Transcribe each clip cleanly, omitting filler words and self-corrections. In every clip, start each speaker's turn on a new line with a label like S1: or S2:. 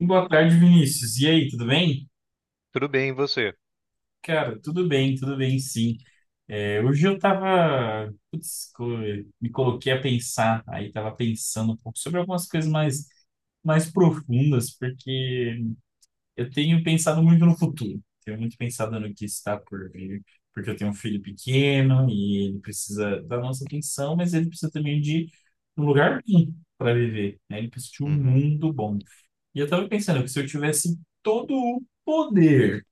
S1: Boa tarde, Vinícius. E aí, tudo bem?
S2: Tudo bem, e você?
S1: Cara, tudo bem, sim. É, hoje eu tava, putz, me coloquei a pensar, aí tava pensando um pouco sobre algumas coisas mais profundas, porque eu tenho pensado muito no futuro. Tenho muito pensado no que está por vir, porque eu tenho um filho pequeno e ele precisa da nossa atenção, mas ele precisa também de um lugar bom para viver, né? Ele precisa de um
S2: Uhum,
S1: mundo bom. E eu tava pensando que se eu tivesse todo o poder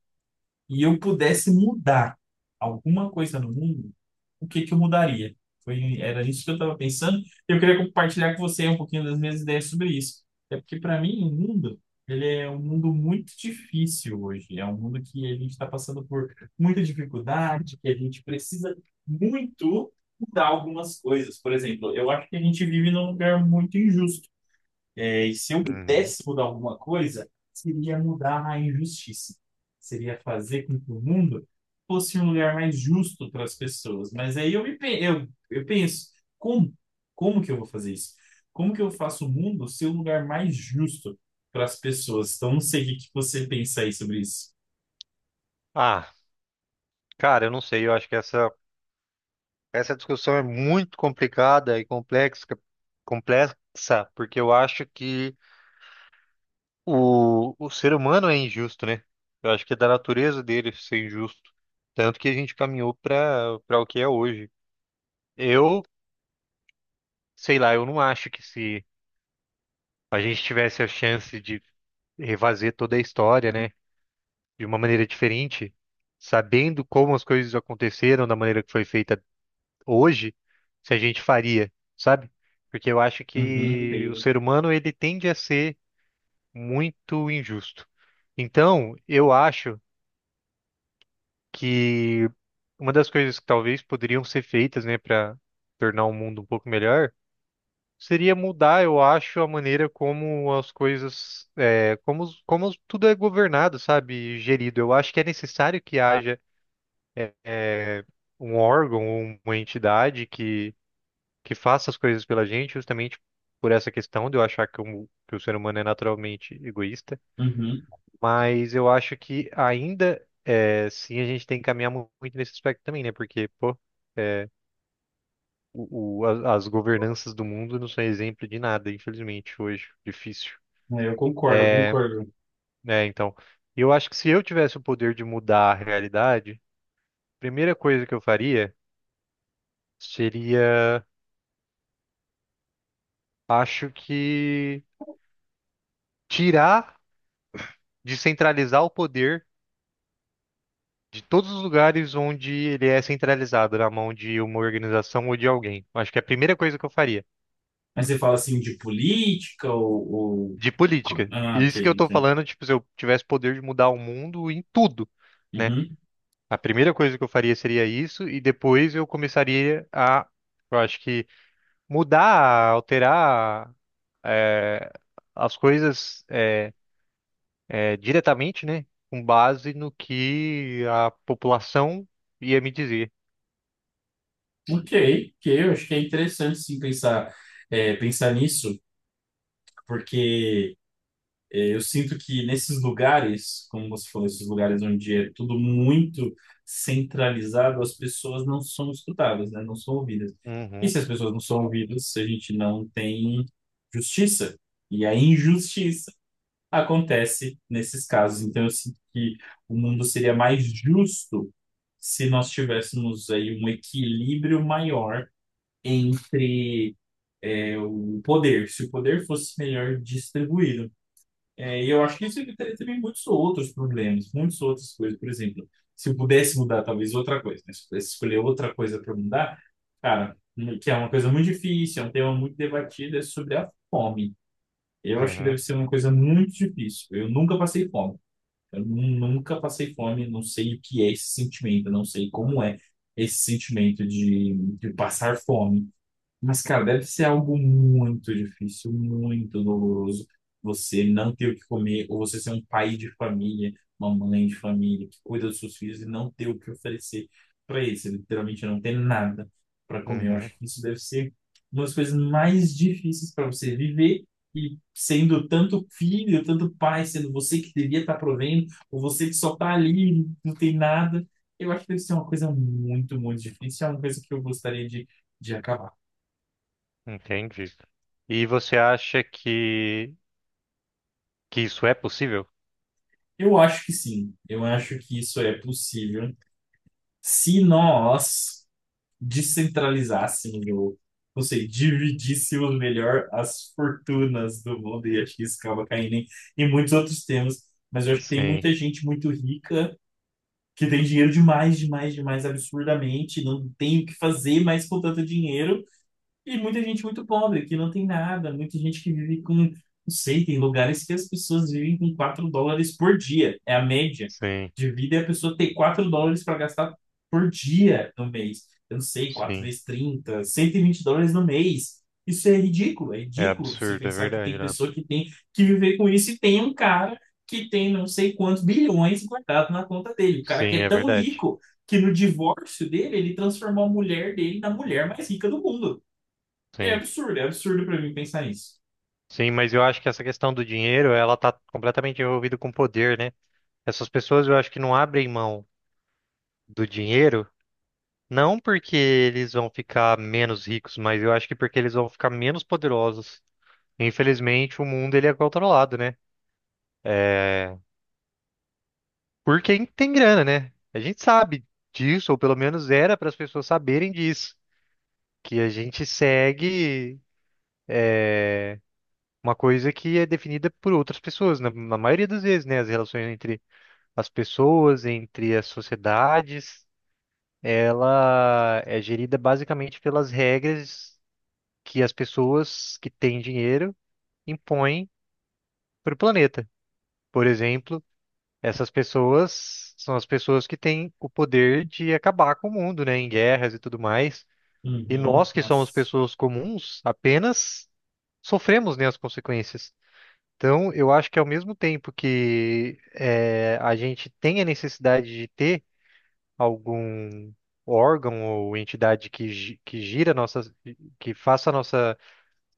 S1: e eu pudesse mudar alguma coisa no mundo, o que que eu mudaria? Era isso que eu estava pensando. Eu queria compartilhar com você um pouquinho das minhas ideias sobre isso. É porque, para mim, o mundo, ele é um mundo muito difícil hoje. É um mundo que a gente está passando por muita dificuldade, que a gente precisa muito mudar algumas coisas. Por exemplo, eu acho que a gente vive num lugar muito injusto. E se eu
S2: uhum.
S1: pudesse mudar alguma coisa, seria mudar a injustiça. Seria fazer com que o mundo fosse um lugar mais justo para as pessoas. Mas aí eu penso, como? Como que eu vou fazer isso? Como que eu faço o mundo ser um lugar mais justo para as pessoas? Então, não sei o que que você pensa aí sobre isso.
S2: Ah, Cara, eu não sei, eu acho que essa discussão é muito complicada e complexa, porque eu acho que o ser humano é injusto, né? Eu acho que é da natureza dele ser injusto. Tanto que a gente caminhou para o que é hoje. Eu, sei lá, eu não acho que se a gente tivesse a chance de refazer toda a história, né, de uma maneira diferente, sabendo como as coisas aconteceram da maneira que foi feita hoje se a gente faria, sabe? Porque eu acho
S1: Uhum,
S2: que o
S1: entendo.
S2: ser humano ele tende a ser muito injusto. Então, eu acho que uma das coisas que talvez poderiam ser feitas, né, para tornar o mundo um pouco melhor, seria mudar, eu acho, a maneira como as coisas, é, como, como tudo é governado, sabe, gerido. Eu acho que é necessário que haja é, um órgão ou uma entidade que faça as coisas pela gente, justamente por essa questão de eu achar que que o ser humano é naturalmente egoísta.
S1: Uhum.
S2: Mas eu acho que ainda é, sim a gente tem que caminhar mu- muito nesse aspecto também, né? Porque, pô, é, as governanças do mundo não são exemplo de nada, infelizmente, hoje. Difícil.
S1: É, eu concordo, eu
S2: É,
S1: concordo.
S2: né, então, eu acho que se eu tivesse o poder de mudar a realidade, a primeira coisa que eu faria seria, acho que, tirar, descentralizar o poder de todos os lugares onde ele é centralizado na mão de uma organização ou de alguém. Acho que é a primeira coisa que eu faria.
S1: Mas você fala assim de política ou...
S2: De política.
S1: Ah,
S2: E isso que eu
S1: ok,
S2: tô
S1: ok.
S2: falando, tipo, se eu tivesse poder de mudar o mundo em tudo, né?
S1: Uhum.
S2: A primeira coisa que eu faria seria isso, e depois eu começaria a, eu acho que, mudar, alterar, eh, as coisas, diretamente, né? Com base no que a população ia me dizer.
S1: Ok, que eu acho que é interessante sim pensar, pensar nisso, porque eu sinto que nesses lugares, como você falou, esses lugares onde é tudo muito centralizado, as pessoas não são escutadas, né? Não são ouvidas. E
S2: Uhum,
S1: se as pessoas não são ouvidas, a gente não tem justiça. E a injustiça acontece nesses casos. Então eu sinto que o mundo seria mais justo se nós tivéssemos aí um equilíbrio maior entre o poder, se o poder fosse melhor distribuído. É, e eu acho que isso evitaria também muitos outros problemas, muitas outras coisas. Por exemplo, se eu pudesse mudar talvez outra coisa, né? Se eu pudesse escolher outra coisa para mudar, cara, que é uma coisa muito difícil, é um tema muito debatido, é sobre a fome. Eu acho que
S2: uhum,
S1: deve ser uma coisa muito difícil. Eu nunca passei fome. Nunca passei fome, não sei o que é esse sentimento, não sei como é esse sentimento de passar fome. Mas, cara, deve ser algo muito difícil, muito doloroso você não ter o que comer, ou você ser um pai de família, uma mãe de família que cuida dos seus filhos e não ter o que oferecer para eles. Você literalmente não tem nada para comer. Eu
S2: uhum.
S1: acho que isso deve ser uma das coisas mais difíceis para você viver. E sendo tanto filho, tanto pai, sendo você que devia estar provendo, ou você que só está ali, não tem nada, eu acho que deve ser uma coisa muito, muito difícil. É uma coisa que eu gostaria de acabar.
S2: Entendi. E você acha que isso é possível?
S1: Eu acho que sim. Eu acho que isso é possível se nós descentralizássemos, ou não sei, dividíssemos melhor as fortunas do mundo, e acho que isso acaba caindo em muitos outros temas. Mas eu acho que tem
S2: Sim,
S1: muita gente muito rica que tem dinheiro demais, demais, demais, absurdamente, não tem o que fazer mais com tanto dinheiro. E muita gente muito pobre, que não tem nada, muita gente que vive com, não sei, tem lugares que as pessoas vivem com 4 dólares por dia, é a média
S2: sim,
S1: de vida, é a pessoa ter 4 dólares para gastar por dia no mês. Eu não sei, quatro
S2: sim.
S1: vezes trinta 120 dólares no mês. Isso é
S2: É
S1: ridículo você
S2: absurdo, é
S1: pensar que tem
S2: verdade, né?
S1: pessoa que tem que viver com isso e tem um cara que tem não sei quantos bilhões guardado na conta dele. O cara que
S2: Sim,
S1: é
S2: é
S1: tão
S2: verdade.
S1: rico que no divórcio dele ele transformou a mulher dele na mulher mais rica do mundo.
S2: Sim.
S1: É absurdo pra mim pensar isso.
S2: Sim, mas eu acho que essa questão do dinheiro, ela tá completamente envolvida com poder, né? Essas pessoas eu acho que não abrem mão do dinheiro, não porque eles vão ficar menos ricos, mas eu acho que porque eles vão ficar menos poderosos. Infelizmente, o mundo ele é controlado, né? É, por quem tem grana, né? A gente sabe disso, ou pelo menos era para as pessoas saberem disso, que a gente segue uma coisa que é definida por outras pessoas, na maioria das vezes, né? As relações entre as pessoas, entre as sociedades, ela é gerida basicamente pelas regras que as pessoas que têm dinheiro impõem para o planeta. Por exemplo, essas pessoas são as pessoas que têm o poder de acabar com o mundo, né? Em guerras e tudo mais. E
S1: Uhum.
S2: nós, que somos
S1: Nossa.
S2: pessoas comuns, apenas sofremos, né, as consequências. Então, eu acho que ao mesmo tempo que a gente tem a necessidade de ter algum órgão ou entidade que, que gira a nossa, que faça a nossa,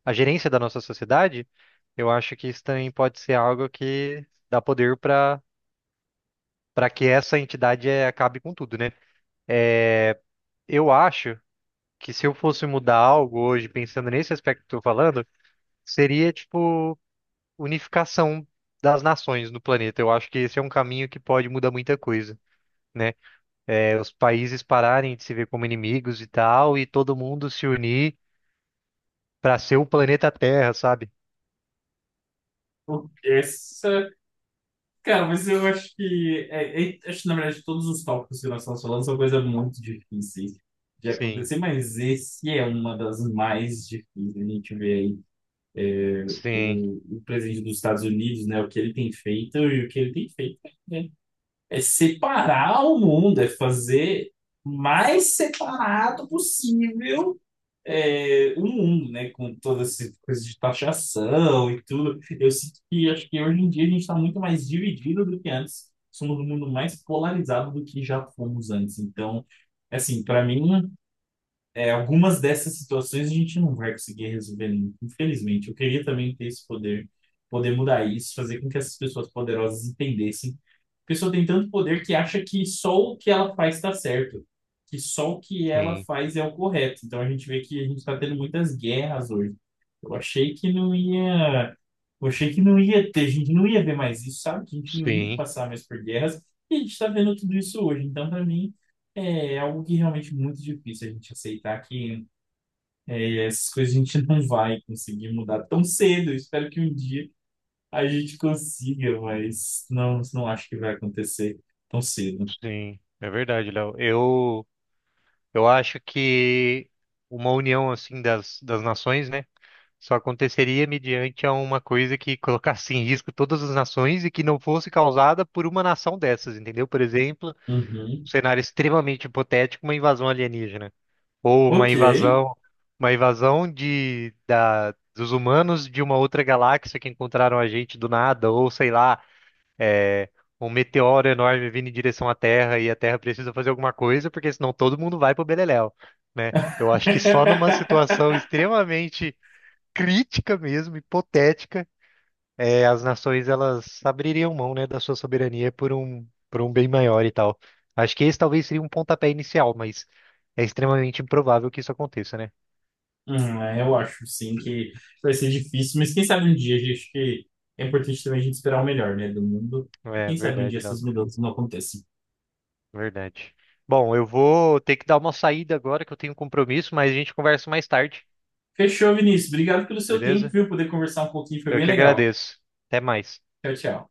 S2: a gerência da nossa sociedade, eu acho que isso também pode ser algo que dá poder para que essa entidade acabe com tudo, né? Eu acho que se eu fosse mudar algo hoje, pensando nesse aspecto que eu tô falando, seria tipo unificação das nações no planeta. Eu acho que esse é um caminho que pode mudar muita coisa, né? É, os países pararem de se ver como inimigos e tal, e todo mundo se unir para ser o planeta Terra, sabe?
S1: O- Essa. Cara, mas eu acho que... Acho que, na verdade, todos os tópicos que nós estamos falando são coisas muito difíceis de
S2: Sim,
S1: acontecer, mas esse é uma das mais difíceis. A gente vê aí
S2: sim,
S1: o presidente dos Estados Unidos, né? O que ele tem feito e o que ele tem feito é, é separar o mundo, é fazer mais separado possível, o mundo, né? Com todas essas coisas de taxação e tudo. Eu sinto que acho que hoje em dia a gente está muito mais dividido do que antes. Somos um mundo mais polarizado do que já fomos antes. Então, assim, para mim, algumas dessas situações a gente não vai conseguir resolver, infelizmente. Eu queria também ter esse poder, poder mudar isso, fazer com que essas pessoas poderosas entendessem. A pessoa tem tanto poder que acha que só o que ela faz está certo, que só o que ela
S2: sim,
S1: faz é o correto. Então a gente vê que a gente está tendo muitas guerras hoje. Eu achei que não ia, eu achei que não ia ter, a gente não ia ver mais isso, sabe? Que a gente não ia
S2: sim,
S1: passar mais por guerras. E a gente está vendo tudo isso hoje. Então, para mim é algo que realmente é muito difícil a gente aceitar que, essas coisas a gente não vai conseguir mudar tão cedo. Eu espero que um dia a gente consiga, mas não, não acho que vai acontecer tão cedo.
S2: sim. É verdade, Léo. Eu acho que uma união assim das nações, né? Só aconteceria mediante a uma coisa que colocasse em risco todas as nações e que não fosse causada por uma nação dessas, entendeu? Por exemplo,
S1: Uhum.
S2: cenário extremamente hipotético, uma invasão alienígena. Ou
S1: Ok.
S2: uma invasão dos humanos de uma outra galáxia que encontraram a gente do nada, ou sei lá, um meteoro enorme vindo em direção à Terra e a Terra precisa fazer alguma coisa, porque senão todo mundo vai pro beleléu, né? Eu acho que só numa situação extremamente crítica mesmo, hipotética, é, as nações elas abririam mão, né, da sua soberania por por um bem maior e tal. Acho que esse talvez seria um pontapé inicial, mas é extremamente improvável que isso aconteça, né?
S1: Eu acho sim que vai ser difícil, mas quem sabe um dia, acho que é importante também a gente esperar o melhor, né, do mundo.
S2: É
S1: Quem sabe um dia
S2: verdade, não.
S1: essas mudanças não acontecem.
S2: Verdade. Bom, eu vou ter que dar uma saída agora que eu tenho um compromisso, mas a gente conversa mais tarde,
S1: Fechou, Vinícius. Obrigado pelo seu tempo,
S2: beleza?
S1: viu? Poder conversar um pouquinho foi
S2: Eu
S1: bem
S2: que
S1: legal.
S2: agradeço. Até mais.
S1: Tchau, tchau.